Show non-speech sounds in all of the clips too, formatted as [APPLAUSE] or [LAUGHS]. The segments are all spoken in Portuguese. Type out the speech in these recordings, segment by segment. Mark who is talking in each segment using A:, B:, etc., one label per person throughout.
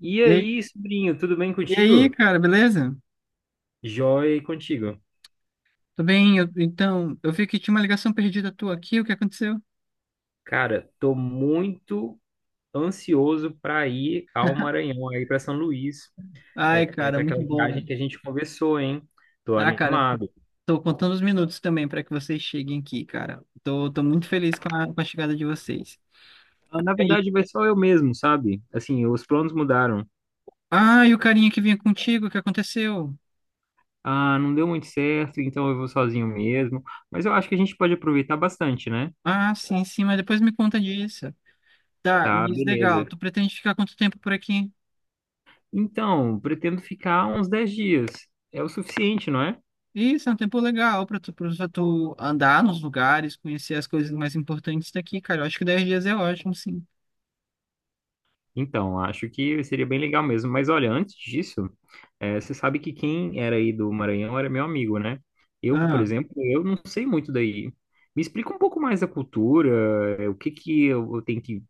A: E
B: E aí,
A: aí, sobrinho, tudo bem
B: e aí,
A: contigo?
B: cara, beleza?
A: Joia e contigo.
B: Tô bem, então, eu vi que tinha uma ligação perdida tua aqui, o que aconteceu?
A: Cara, tô muito ansioso para ir ao Maranhão, aí para São Luís,
B: Ai,
A: é,
B: cara,
A: para
B: muito
A: aquela viagem
B: bom.
A: que a gente conversou, hein? Tô
B: Ah, cara, tô,
A: animado.
B: tô contando os minutos também pra que vocês cheguem aqui, cara. Tô muito feliz com a chegada de vocês.
A: Ah, na
B: E aí?
A: verdade, vai só eu mesmo, sabe? Assim, os planos mudaram.
B: Ah, e o carinha que vinha contigo, o que aconteceu?
A: Ah, não deu muito certo, então eu vou sozinho mesmo. Mas eu acho que a gente pode aproveitar bastante, né?
B: Ah, sim, sim, mas depois me conta disso. Tá,
A: Tá,
B: mas legal,
A: beleza.
B: tu pretende ficar quanto tempo por aqui?
A: Então, pretendo ficar uns 10 dias. É o suficiente, não é?
B: Isso, é um tempo legal pra tu andar nos lugares, conhecer as coisas mais importantes daqui, cara. Eu acho que 10 dias é ótimo, sim.
A: Então, acho que seria bem legal mesmo. Mas olha, antes disso, você sabe que quem era aí do Maranhão era meu amigo, né? Eu, por
B: Ah.
A: exemplo, eu não sei muito daí. Me explica um pouco mais da cultura, o que que eu tenho que...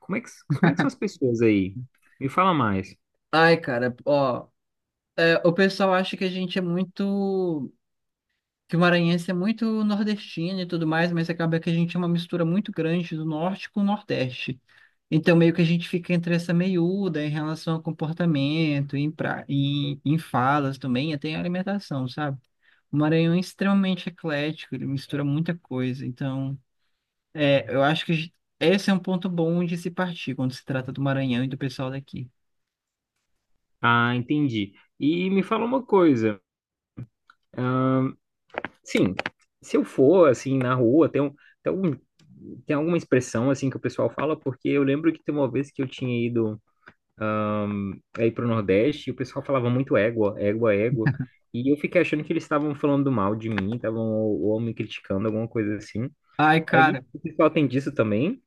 A: Como é que são as pessoas aí? Me fala mais.
B: Ai, cara, ó, é, o pessoal acha que a gente é muito, que o maranhense é muito nordestino e tudo mais, mas acaba que a gente é uma mistura muito grande do norte com o nordeste. Então, meio que a gente fica entre essa meiúda em relação ao comportamento, em falas também, até em alimentação, sabe? O Maranhão é extremamente eclético, ele mistura muita coisa. Então, é, eu acho que esse é um ponto bom de se partir quando se trata do Maranhão e do pessoal daqui.
A: Ah, entendi. E me fala uma coisa. Sim, se eu for, assim, na rua, tem um, tem alguma expressão, assim, que o pessoal fala, porque eu lembro que tem uma vez que eu tinha ido aí pro Nordeste e o pessoal falava muito égua, égua, égua. E eu fiquei achando que eles estavam falando mal de mim, estavam ou me criticando, alguma coisa assim.
B: Ai,
A: Aí
B: cara.
A: o pessoal tem disso também.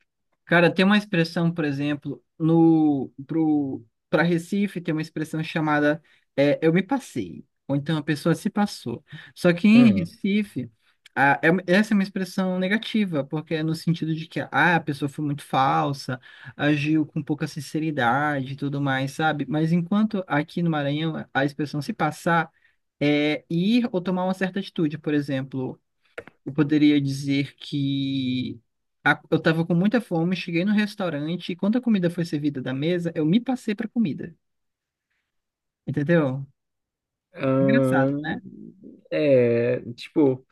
B: Cara, tem uma expressão, por exemplo, no pro para Recife tem uma expressão chamada é, eu me passei, ou então a pessoa se passou. Só que em
A: Hum.
B: Recife, essa é uma expressão negativa, porque é no sentido de que a pessoa foi muito falsa, agiu com pouca sinceridade e tudo mais, sabe? Mas enquanto aqui no Maranhão a expressão se passar é ir ou tomar uma certa atitude, por exemplo, eu poderia dizer que eu estava com muita fome, cheguei no restaurante e quando a comida foi servida da mesa, eu me passei para comida. Entendeu? Engraçado,
A: Ahn,
B: né?
A: é, tipo,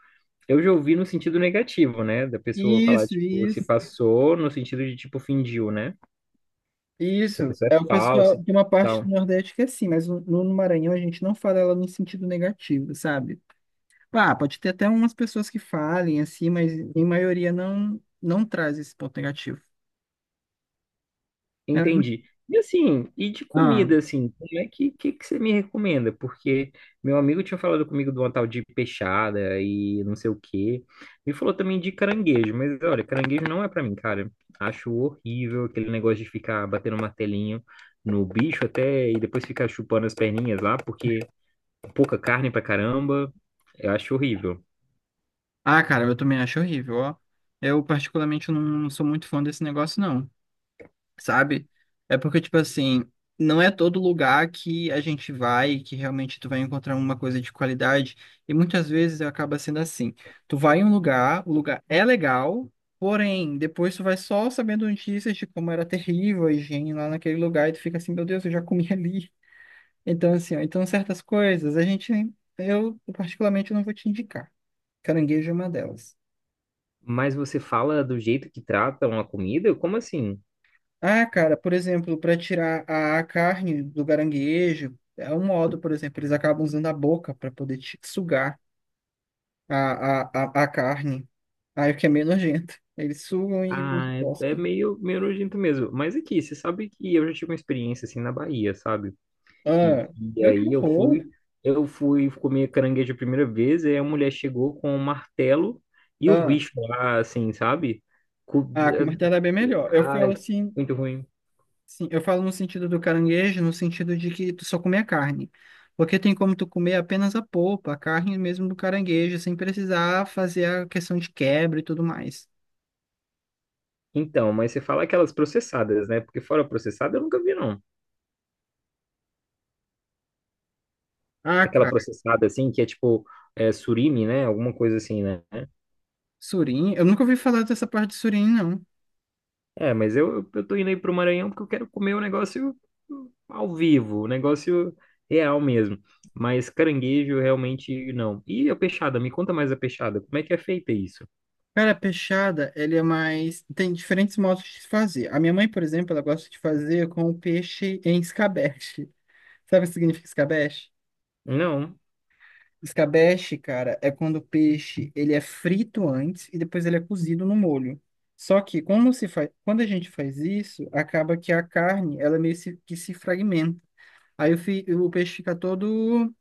A: eu já ouvi no sentido negativo, né? Da pessoa falar,
B: Isso,
A: tipo, se
B: isso,
A: passou no sentido de, tipo, fingiu, né? Que a
B: isso.
A: pessoa
B: É o
A: é falsa
B: pessoal
A: e
B: de uma parte do
A: tal.
B: Nordeste que é assim, mas no Maranhão a gente não fala ela no sentido negativo, sabe? Pá, pode ter até umas pessoas que falem assim, mas em maioria não, não traz esse ponto negativo. É,
A: Entendi. E assim, e de
B: ah,
A: comida, assim, como é que você me recomenda? Porque meu amigo tinha falado comigo de uma tal de peixada e não sei o quê. E falou também de caranguejo, mas olha, caranguejo não é pra mim, cara. Acho horrível aquele negócio de ficar batendo martelinho no bicho até e depois ficar chupando as perninhas lá, porque pouca carne pra caramba. Eu acho horrível.
B: cara, eu também acho horrível, ó. Eu particularmente não sou muito fã desse negócio, não. Sabe? É porque, tipo assim, não é todo lugar que a gente vai que realmente tu vai encontrar uma coisa de qualidade. E muitas vezes acaba sendo assim. Tu vai em um lugar, o lugar é legal, porém, depois tu vai só sabendo notícias de como era terrível a higiene lá naquele lugar e tu fica assim, meu Deus, eu já comi [LAUGHS] ali. Então, assim, ó, então certas coisas a gente, eu particularmente não vou te indicar. Caranguejo é uma delas.
A: Mas você fala do jeito que tratam a comida? Como assim?
B: Ah, cara, por exemplo, para tirar a carne do caranguejo, é um modo, por exemplo, eles acabam usando a boca para poder sugar a carne. Aí o que é meio nojento. Eles sugam e
A: Ah, é
B: cospem.
A: meio nojento mesmo. Mas aqui, você sabe que eu já tive uma experiência assim na Bahia, sabe? E,
B: Ah,
A: e
B: meu, que
A: aí eu
B: horror.
A: fui, eu fui comer caranguejo a primeira vez, e a mulher chegou com um martelo e o
B: Ah,
A: bicho lá, assim, sabe? Co-
B: ah, com martelo é bem melhor. Eu falo
A: ai,
B: assim,
A: muito ruim.
B: sim, eu falo no sentido do caranguejo, no sentido de que tu só comer a carne. Porque tem como tu comer apenas a polpa, a carne mesmo do caranguejo, sem precisar fazer a questão de quebra e tudo mais.
A: Então, mas você fala aquelas processadas, né? Porque fora processada eu nunca vi, não.
B: Ah,
A: Aquela
B: cara.
A: processada, assim, que é tipo é, surimi, né? Alguma coisa assim, né?
B: Surim? Eu nunca ouvi falar dessa parte de surim, não.
A: É, mas eu tô indo aí pro Maranhão porque eu quero comer o negócio ao vivo, o negócio real mesmo. Mas caranguejo realmente não. E a peixada? Me conta mais a peixada. Como é que é feita isso?
B: Cara, peixada, ele é mais. Tem diferentes modos de se fazer. A minha mãe, por exemplo, ela gosta de fazer com o peixe em escabeche. Sabe o que significa escabeche?
A: Não.
B: Escabeche, cara, é quando o peixe ele é frito antes e depois ele é cozido no molho. Só que como se faz, quando a gente faz isso, acaba que a carne, ela meio que se fragmenta. Aí o peixe fica todo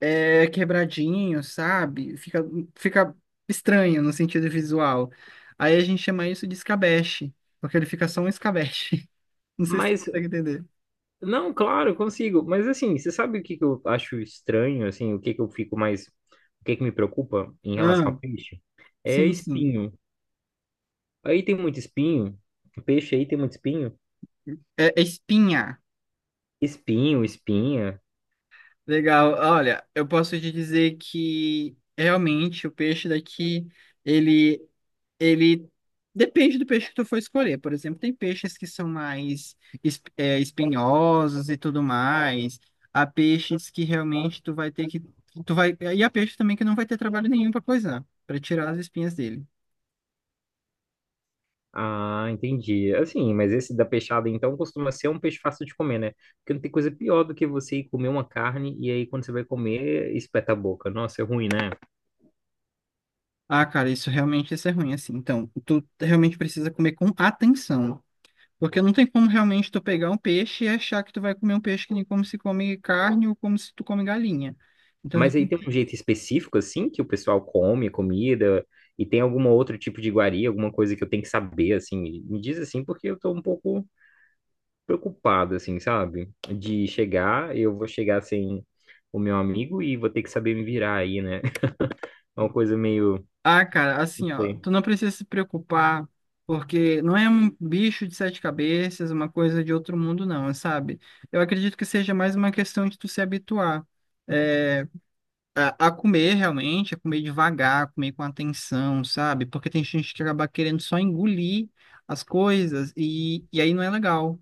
B: é quebradinho, sabe? Fica estranho no sentido visual. Aí a gente chama isso de escabeche, porque ele fica só um escabeche. [LAUGHS] Não sei se você
A: Mas,
B: consegue entender.
A: não, claro, consigo. Mas assim, você sabe o que que eu acho estranho, assim, o que que eu fico mais, o que que me preocupa em relação
B: Ah,
A: ao peixe? É
B: sim, sim.
A: espinho. Aí tem muito espinho. Peixe aí tem muito espinho.
B: É, é espinha.
A: Espinho, espinha.
B: Legal. Olha, eu posso te dizer que realmente o peixe daqui, ele Ele depende do peixe que tu for escolher. Por exemplo, tem peixes que são mais espinhosos e tudo mais. Há peixes que realmente tu vai ter que tu vai e há peixes também que não vai ter trabalho nenhum para coisar, para tirar as espinhas dele.
A: Ah, entendi. Assim, mas esse da peixada, então, costuma ser um peixe fácil de comer, né? Porque não tem coisa pior do que você ir comer uma carne e aí quando você vai comer, espeta a boca. Nossa, é ruim, né?
B: Ah, cara, isso realmente isso é ruim assim. Então, tu realmente precisa comer com atenção. Porque não tem como realmente tu pegar um peixe e achar que tu vai comer um peixe que nem como se come carne ou como se tu come galinha. Então, tu.
A: Mas aí tem um jeito específico, assim, que o pessoal come a comida e tem algum outro tipo de iguaria, alguma coisa que eu tenho que saber, assim. Me diz assim, porque eu tô um pouco preocupado, assim, sabe? De chegar, eu vou chegar sem o meu amigo e vou ter que saber me virar aí, né? [LAUGHS] É uma coisa meio...
B: Ah, cara,
A: Não
B: assim, ó,
A: sei.
B: tu não precisa se preocupar, porque não é um bicho de sete cabeças, uma coisa de outro mundo, não, sabe? Eu acredito que seja mais uma questão de tu se habituar, é, a comer realmente, a comer devagar, a comer com atenção, sabe? Porque tem gente que acaba querendo só engolir as coisas e aí não é legal.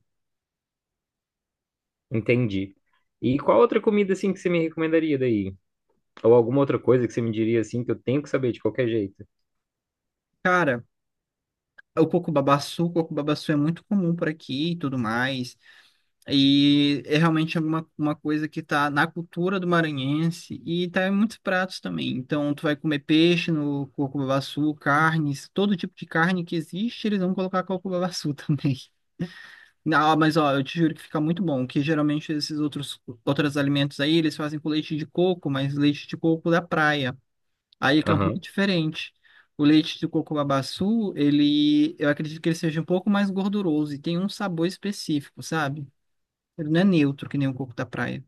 A: Entendi. E qual outra comida assim que você me recomendaria daí? Ou alguma outra coisa que você me diria assim que eu tenho que saber de qualquer jeito?
B: Cara, o coco babaçu é muito comum por aqui e tudo mais. E é realmente uma coisa que está na cultura do maranhense e está em muitos pratos também. Então, tu vai comer peixe no coco-babassu, carnes, todo tipo de carne que existe, eles vão colocar coco-babassu [LAUGHS] também. Não, mas ó, eu te juro que fica muito bom, que geralmente esses outros alimentos aí, eles fazem com leite de coco, mas leite de coco da praia. Aí fica um pouco
A: Aham.
B: diferente. O leite de coco-babassu, ele, eu acredito que ele seja um pouco mais gorduroso e tem um sabor específico, sabe? Ele não é neutro, que nem o coco da praia.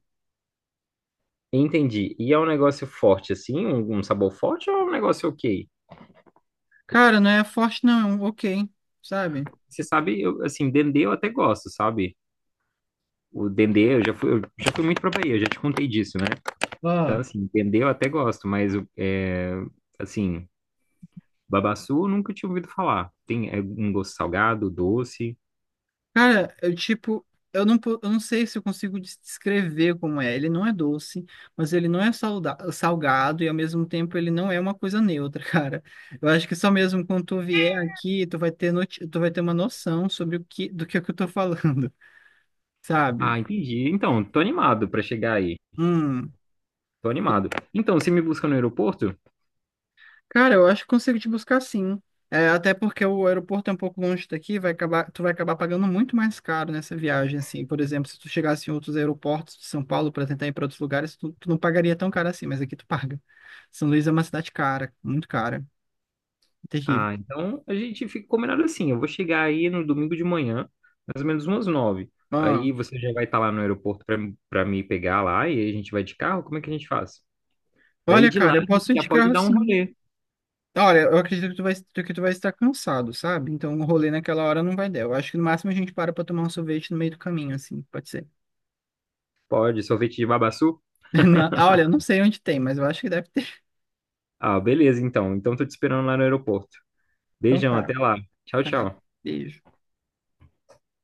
A: Entendi. E é um negócio forte assim, um sabor forte ou é um negócio ok?
B: Cara, não é forte, não. Ok, sabe?
A: Você sabe, eu, assim, dendê eu até gosto, sabe? O dendê, eu já fui muito pra Bahia, eu já te contei disso, né? Então,
B: Ó.
A: assim, dendê eu até gosto, mas, é, assim, babaçu eu nunca tinha ouvido falar. Tem é, um gosto salgado, doce.
B: Cara, eu tipo. Eu não sei se eu consigo descrever como é. Ele não é doce, mas ele não é salgado e ao mesmo tempo ele não é uma coisa neutra, [LAUGHS] cara. Eu acho que só mesmo quando tu vier aqui, tu vai ter uma noção sobre do que, é que eu tô falando, [LAUGHS] sabe?
A: Ah, entendi. Então, tô animado pra chegar aí.
B: Hum.
A: Tô animado. Então, você me busca no aeroporto?
B: Cara, eu acho que consigo te buscar sim. É, até porque o aeroporto é um pouco longe daqui, tu vai acabar pagando muito mais caro nessa viagem, assim. Por exemplo, se tu chegasse em outros aeroportos de São Paulo para tentar ir para outros lugares, tu não pagaria tão caro assim, mas aqui tu paga. São Luís é uma cidade cara, muito cara, terrível.
A: Ah, então a gente fica combinado assim. Eu vou chegar aí no domingo de manhã, mais ou menos umas 9.
B: Ah,
A: Aí você já vai estar lá no aeroporto pra para me pegar lá e a gente vai de carro? Como é que a gente faz? Daí
B: olha,
A: de lá
B: cara, eu
A: a gente
B: posso ir
A: já
B: de
A: pode
B: carro
A: dar um
B: sim.
A: rolê.
B: Olha, eu acredito que tu vai estar cansado, sabe? Então o rolê naquela hora não vai dar. Eu acho que no máximo a gente para para tomar um sorvete no meio do caminho, assim, pode ser.
A: Pode, sorvete de babaçu?
B: [LAUGHS] Não, olha, eu não sei onde tem, mas eu acho que deve ter.
A: Ah, beleza, então. Então tô te esperando lá no aeroporto.
B: Então
A: Beijão,
B: tá.
A: até lá. Tchau,
B: Tá,
A: tchau.
B: beijo.